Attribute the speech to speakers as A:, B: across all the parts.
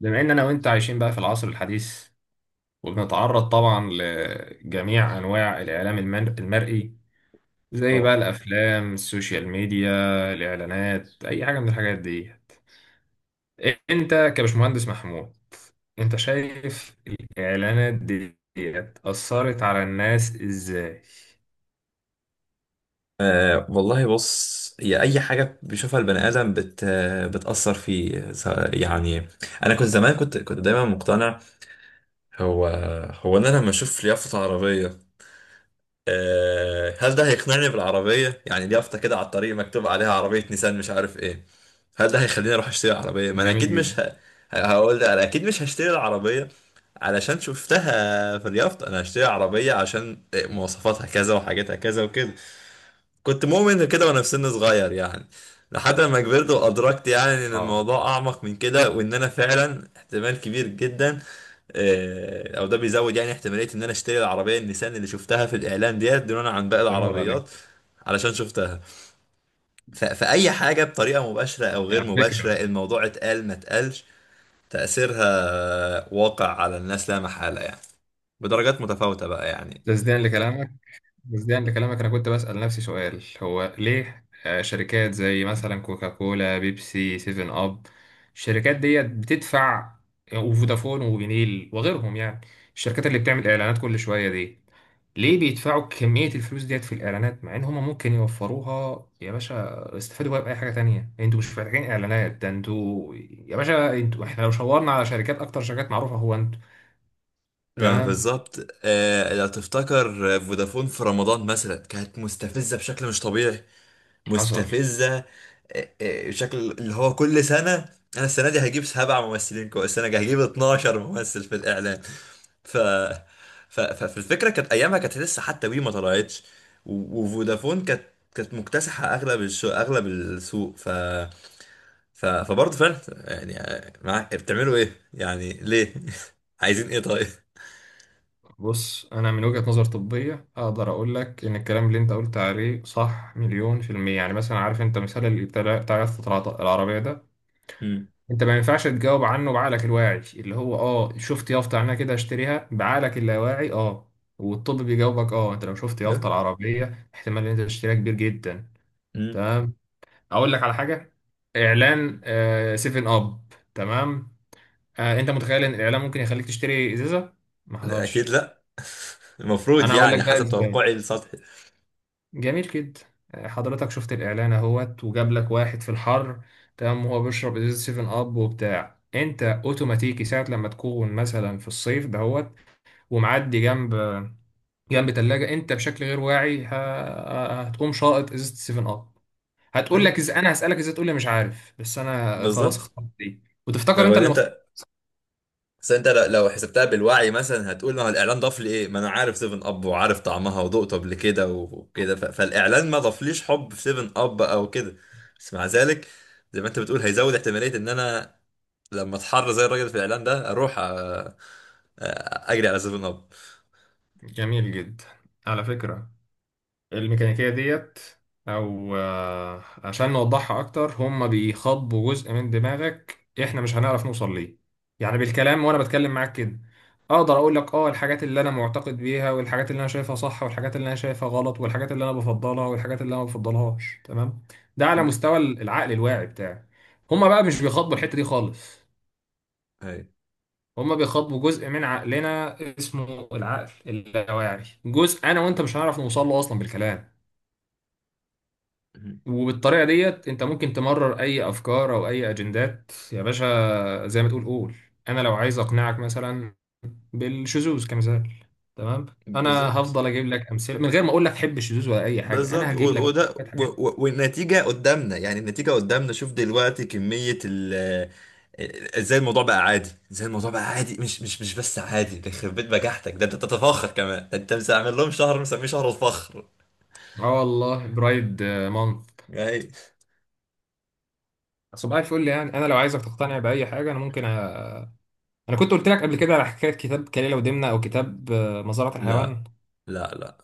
A: بما ان انا وانت عايشين بقى في العصر الحديث وبنتعرض طبعا لجميع انواع الاعلام المرئي، زي بقى
B: طبعا.
A: الافلام السوشيال ميديا الاعلانات اي حاجه من الحاجات دي. انت كبشمهندس محمود، انت شايف الاعلانات دي اثرت على الناس ازاي؟
B: والله بص هي أي حاجة بيشوفها البني آدم بتأثر يعني أنا كنت زمان كنت دايما مقتنع. هو هو أنا لما أشوف يافطة عربية، أه هل ده هيقنعني بالعربية؟ يعني اليافطة كده على الطريق مكتوب عليها عربية نيسان مش عارف إيه، هل ده هيخليني أروح أشتري عربية؟ ما أنا أكيد
A: جميل جدا.
B: مش هقول ده. أنا أكيد مش هشتري العربية علشان شفتها في اليافطة. أنا هشتري عربية عشان مواصفاتها كذا وحاجاتها كذا وكده. كنت مؤمن كده وانا في سن صغير يعني، لحد ما كبرت وادركت يعني ان
A: اه،
B: الموضوع اعمق من كده، وان انا فعلا احتمال كبير جدا او ده بيزود يعني احتماليه ان انا اشتري العربيه النيسان اللي شفتها في الاعلان ديت دونها عن باقي
A: بنور عليك.
B: العربيات علشان شفتها. فاي حاجه بطريقه مباشره او غير
A: على
B: مباشره،
A: فكره،
B: الموضوع اتقال ما اتقالش، تاثيرها واقع على الناس لا محاله يعني، بدرجات متفاوته بقى يعني.
A: تصديقا لكلامك مجديا لكلامك، انا كنت بسأل نفسي سؤال هو ليه شركات زي مثلا كوكاكولا بيبسي سيفن اب الشركات ديت بتدفع، وفودافون وبنيل وغيرهم يعني الشركات اللي بتعمل اعلانات كل شوية دي، ليه بيدفعوا كمية الفلوس ديت في الإعلانات مع إن هما ممكن يوفروها؟ يا باشا استفادوا بقى بأي حاجة تانية، أنتوا مش محتاجين إعلانات، ده أنتوا يا باشا أنتوا، إحنا لو شاورنا على شركات أكتر شركات معروفة هو أنتوا.
B: ما
A: تمام.
B: بالظبط، لو تفتكر فودافون في رمضان مثلا كانت مستفزة بشكل مش طبيعي،
A: حصل.
B: مستفزة، بشكل اللي هو كل سنة. أنا السنة دي هجيب سبع ممثلين كويس، السنة دي هجيب 12 ممثل في الإعلان. ف... فالفكرة كانت أيامها كانت لسه حتى وي ما طلعتش، وفودافون كانت كانت مكتسحة أغلب أغلب السوق. فبرضه فعلا يعني، معاك بتعملوا إيه؟ يعني ليه؟ عايزين إيه طيب؟
A: بص انا من وجهة نظر طبية اقدر اقول لك ان الكلام اللي انت قلت عليه صح مليون في المية. يعني مثلا عارف انت مثال اللي بتاع يافطة العربية ده، انت ما ينفعش تجاوب عنه بعقلك الواعي اللي هو اه شفت يافطة عنها كده اشتريها، بعقلك اللاواعي اه. والطب بيجاوبك اه انت لو شفت يافطة
B: لا.
A: العربية احتمال ان انت تشتريها كبير جدا.
B: مم.
A: تمام. اقول لك على حاجة، اعلان سيفن اب. تمام. انت متخيل ان الاعلان ممكن يخليك تشتري ازازة؟ ما
B: اكيد
A: حصلش.
B: لا. المفروض
A: انا هقول
B: يعني
A: لك بقى
B: حسب
A: ازاي.
B: توقعي السطحي.
A: جميل جدا. حضرتك شفت الاعلان اهوت وجاب لك واحد في الحر، تمام، وهو بيشرب ازازه 7 اب وبتاع انت اوتوماتيكي ساعه لما تكون مثلا في الصيف دهوت ومعدي جنب تلاجة انت بشكل غير واعي هتقوم شاطط ازازه 7 اب. هتقول
B: أي،
A: لك انا هسالك ازاي، تقول لي مش عارف، بس انا خلاص
B: بالظبط.
A: اخترت دي وتفتكر
B: لو
A: انت
B: ان
A: اللي مختار.
B: انت، بس انت لو حسبتها بالوعي مثلا هتقول ما هو الاعلان ضاف لي ايه؟ ما انا عارف 7 اب وعارف طعمها وذقته قبل كده وكده. فالاعلان ما ضافليش حب في 7 اب او كده. بس مع ذلك زي ما انت بتقول هيزود احتماليه ان انا لما اتحر زي الراجل في الاعلان ده اروح اجري على 7 اب.
A: جميل جدا. على فكره، الميكانيكية ديت أو عشان نوضحها أكتر، هما بيخاطبوا جزء من دماغك إحنا مش هنعرف نوصل ليه. يعني بالكلام وأنا بتكلم معاك كده، أقدر أقول لك أه الحاجات اللي أنا معتقد بيها والحاجات اللي أنا شايفها صح والحاجات اللي أنا شايفها غلط والحاجات اللي أنا بفضلها والحاجات اللي أنا ما بفضلهاش. تمام. ده على
B: مم.
A: مستوى العقل الواعي بتاعي. هما بقى مش بيخاطبوا الحتة دي خالص.
B: أي.
A: هما بيخاطبوا جزء من عقلنا اسمه العقل اللاواعي، جزء أنا وأنت مش هنعرف نوصل له أصلا بالكلام.
B: مم.
A: وبالطريقة ديت انت ممكن تمرر اي افكار او اي اجندات يا باشا زي ما تقول قول. انا لو عايز اقنعك مثلا بالشذوذ كمثال، تمام، انا
B: بالظبط.
A: هفضل اجيب لك امثله من غير ما اقول لك حب الشذوذ ولا اي حاجه، انا
B: بالظبط
A: هجيب لك
B: وده،
A: شويه حاجات.
B: والنتيجة قدامنا يعني، النتيجة قدامنا. شوف دلوقتي كمية ازاي الموضوع بقى عادي، ازاي الموضوع بقى عادي، مش بس عادي، ده يخرب بيت بجاحتك، ده انت تتفاخر كمان، ده انت عامل لهم شهر مسميه شهر الفخر
A: اه والله برايد مانث.
B: يعني.
A: صباح الفل. يعني انا لو عايزك تقتنع باي حاجه انا ممكن انا كنت قلت لك قبل كده على حكايه كتاب كليله ودمنه او كتاب مزرعه الحيوان.
B: لا لا لا،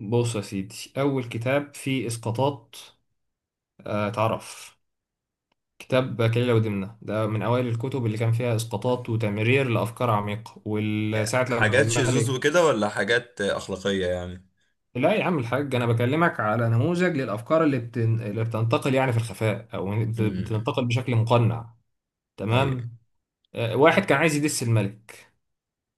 A: بص يا سيدي، اول كتاب فيه اسقاطات. اتعرف كتاب كليلة ودمنة ده من أوائل الكتب اللي كان فيها إسقاطات وتمرير لأفكار عميقة، وساعة لما
B: حاجات شذوذ
A: الملك.
B: وكده ولا حاجات أخلاقية يعني؟
A: لا يا عم الحاج، أنا بكلمك على نموذج للأفكار اللي، اللي بتنتقل يعني في الخفاء أو
B: امم.
A: بتنتقل بشكل مقنع.
B: ايوه.
A: تمام. واحد كان عايز يدس الملك،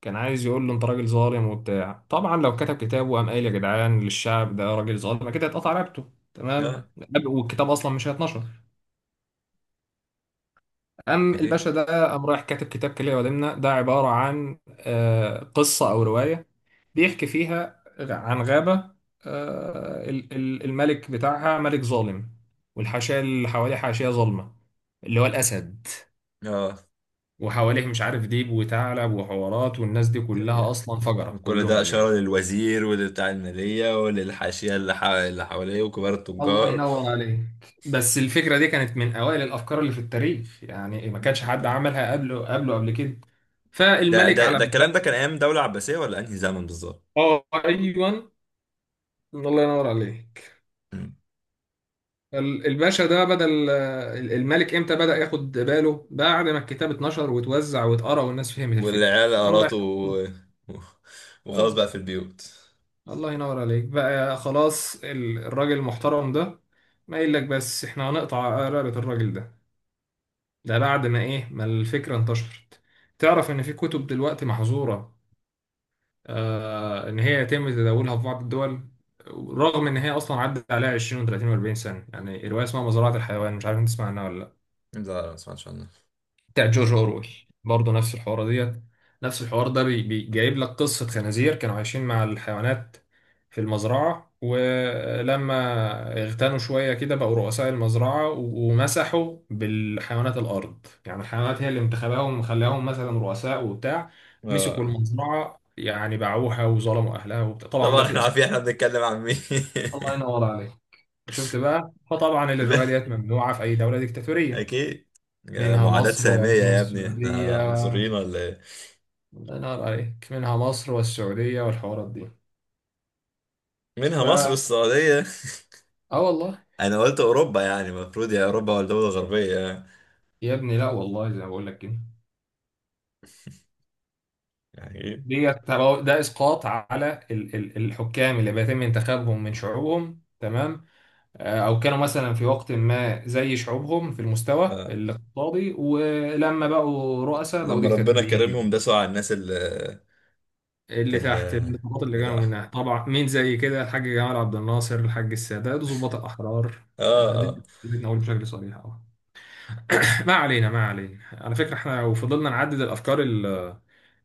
A: كان عايز يقول له أنت راجل ظالم وبتاع. طبعا لو كتب كتاب وقام قايل يا جدعان للشعب ده راجل ظالم كده، اتقطع رقبته. تمام.
B: اه.
A: والكتاب أصلا مش هيتنشر. قام
B: اكيد.
A: الباشا ده قام رايح كاتب كتاب كلية ودمنة ده عبارة عن قصة أو رواية، بيحكي فيها عن غابة. الملك بتاعها ملك ظالم، والحاشية اللي حواليه حاشية ظالمة اللي هو الأسد،
B: اه.
A: وحواليه مش عارف ديب وثعلب وحوارات، والناس دي كلها
B: أيوة.
A: أصلا فجرة
B: كل ده
A: كلهم
B: إشارة
A: يعني.
B: للوزير ولبتاع المالية وللحاشية اللي حواليه وكبار
A: الله
B: التجار.
A: ينور عليك. بس الفكرة دي كانت من أوائل الأفكار اللي في التاريخ يعني، ما كانش حد عملها قبل كده.
B: ده
A: فالملك
B: ده
A: على
B: ده
A: ما.
B: الكلام ده كان ايام دولة عباسية ولا انهي زمن بالظبط؟
A: اه ايوه. الله ينور عليك.
B: مم.
A: الباشا ده بدل الملك امتى بدأ ياخد باله؟ بعد ما الكتاب اتنشر واتوزع واتقرا والناس فهمت الفكرة،
B: والعيال
A: فقام
B: قراطه
A: رايح.
B: و- وخلاص
A: اه.
B: بقى في البيوت.
A: الله ينور عليك بقى. خلاص الراجل المحترم ده، ما يقول لك بس احنا هنقطع رقبة الراجل ده؟ ده بعد ما ايه ما الفكرة انتشرت. تعرف ان في كتب دلوقتي محظورة آه ان هي يتم تداولها في بعض الدول، رغم ان هي اصلا عدت عليها 20 و30 و40 سنة. يعني رواية اسمها مزرعة الحيوان، مش عارف انت تسمع عنها ولا،
B: لا لا، ما سمعتش عنه.
A: بتاع جورج اورويل. برضه نفس الحوار ديت. نفس الحوار ده جايب لك قصة خنازير كانوا عايشين مع الحيوانات في المزرعة، ولما اغتنوا شوية كده بقوا رؤساء المزرعة ومسحوا بالحيوانات الأرض. يعني الحيوانات هي اللي انتخباهم وخلاهم مثلا رؤساء وبتاع، مسكوا
B: اه.
A: المزرعة يعني باعوها وظلموا أهلها وبتاع. طبعا ده
B: طبعا
A: في
B: احنا
A: اسم.
B: عارفين احنا بنتكلم عن مين.
A: الله ينور عليك. شفت بقى. فطبعا الرواية
B: لا،
A: ديت ممنوعة في أي دولة ديكتاتورية،
B: اكيد. يا
A: منها
B: معاداة
A: مصر
B: سامية
A: ومنها
B: يا ابني، احنا
A: السعودية.
B: عنصريين ولا ايه؟
A: الله ينور عليك، منها مصر والسعودية والحوارات دي.
B: منها مصر
A: اه
B: والسعودية.
A: والله.
B: انا قلت اوروبا يعني المفروض، يا اوروبا ولا دولة غربية يعني.
A: يا ابني لا والله زي ما بقول لك كده.
B: يعني ايه؟
A: ده اسقاط على الحكام اللي بيتم انتخابهم من شعوبهم. تمام. او كانوا مثلا في وقت ما زي شعوبهم في المستوى
B: آه.
A: الاقتصادي ولما بقوا رؤساء بقوا
B: لما ربنا كرمهم
A: ديكتاتوريين.
B: داسوا على الناس
A: اللي
B: اللي
A: تحت الضباط اللي
B: اللي ده.
A: كانوا منها، طبعا مين زي كده؟ الحاج جمال عبد الناصر الحاج السادات ضباط الاحرار.
B: اه اه.
A: دي نقول بشكل صريح اه. ما علينا ما علينا. على فكرة احنا لو فضلنا نعدد الأفكار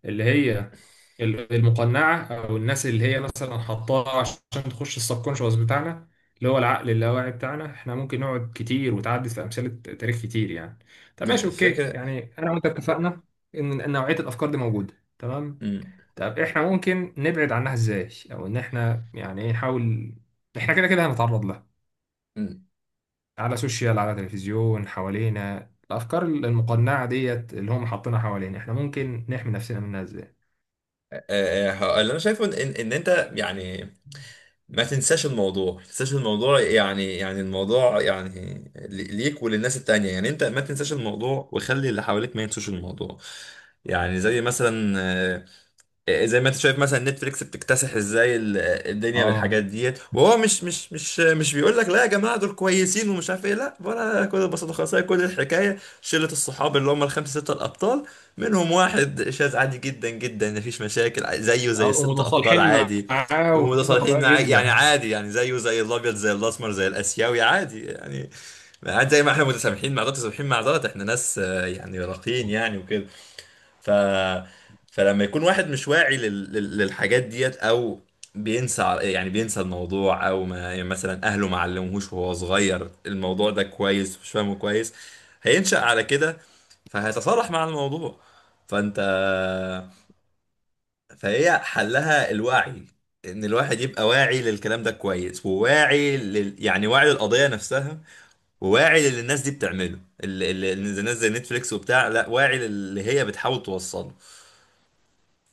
A: اللي هي المقنعة أو الناس اللي هي مثلا حطاها عشان تخش السبكونشوس بتاعنا اللي هو العقل اللاواعي بتاعنا، احنا ممكن نقعد كتير وتعدد في أمثلة تاريخ كتير يعني. طب ماشي أوكي،
B: الفكرة.
A: يعني أنا وأنت اتفقنا إن نوعية الأفكار دي موجودة. تمام.
B: امم
A: طب احنا ممكن نبعد عنها إزاي أو إن احنا يعني إيه نحاول. احنا كده كده هنتعرض لها،
B: امم.
A: على سوشيال على تلفزيون حوالينا الافكار المقنعه ديت اللي هم حاطينها حوالينا، احنا ممكن نحمي نفسنا منها ازاي؟
B: اللي انا شايفه ان ان إن انت يعني ما تنساش الموضوع، ما تنساش الموضوع يعني، الموضوع يعني ليك وللناس التانية يعني. انت ما تنساش الموضوع وخلي اللي حواليك ما ينسوش الموضوع. يعني زي مثلا، زي ما انت شايف مثلا نتفليكس بتكتسح ازاي الدنيا
A: اه.
B: بالحاجات ديت، وهو مش بيقول لك لا يا جماعه دول كويسين ومش عارف ايه، لا ولا، كل البساطه خالص، هي كل الحكايه شله الصحاب اللي هم الخمسه سته الابطال منهم واحد شاذ عادي جدا جدا مفيش مشاكل، زيه زي الست ابطال
A: ومتصالحين
B: عادي،
A: معاه وحاجه
B: ومتصالحين
A: طبيعيه
B: يعني
A: جدا.
B: عادي يعني، زيه زي الابيض زي الاسمر زي الاسيوي عادي يعني. عادي زي ما احنا متسامحين مع ده متسامحين مع ده، احنا ناس يعني راقيين يعني وكده. ف فلما يكون واحد مش واعي للحاجات ديت، او بينسى، يعني بينسى الموضوع، او ما يعني مثلا اهله ما علموهوش وهو صغير الموضوع ده كويس، مش فاهمه كويس، هينشأ على كده، فهيتصارح مع الموضوع. فانت، فهي حلها الوعي، ان الواحد يبقى واعي للكلام ده كويس، وواعي يعني واعي للقضية نفسها، وواعي للي الناس دي بتعمله، الناس زي نتفليكس وبتاع، لا واعي للي هي بتحاول توصله.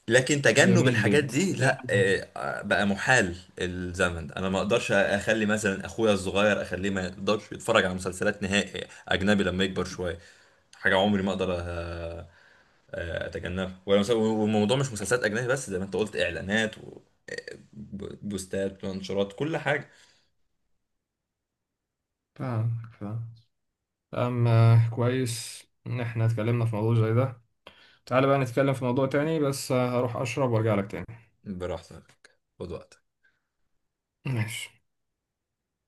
B: لكن تجنب
A: جميل
B: الحاجات
A: جدا
B: دي لا،
A: يعني.
B: بقى محال الزمن ده. انا ما اقدرش اخلي مثلا اخويا الصغير اخليه ما يقدرش يتفرج على مسلسلات نهائي اجنبي لما يكبر شويه. حاجه عمري ما اقدر اتجنبها ولا والموضوع مش مسلسلات اجنبي بس، زي ما انت قلت، اعلانات وبوستات وانشرات كل حاجه.
A: فاهم فاهم. أما كويس إن إحنا اتكلمنا في موضوع زي ده، تعالى بقى نتكلم في موضوع تاني، بس هروح أشرب وأرجع لك تاني.
B: براحتك. خد وقتك.
A: ماشي.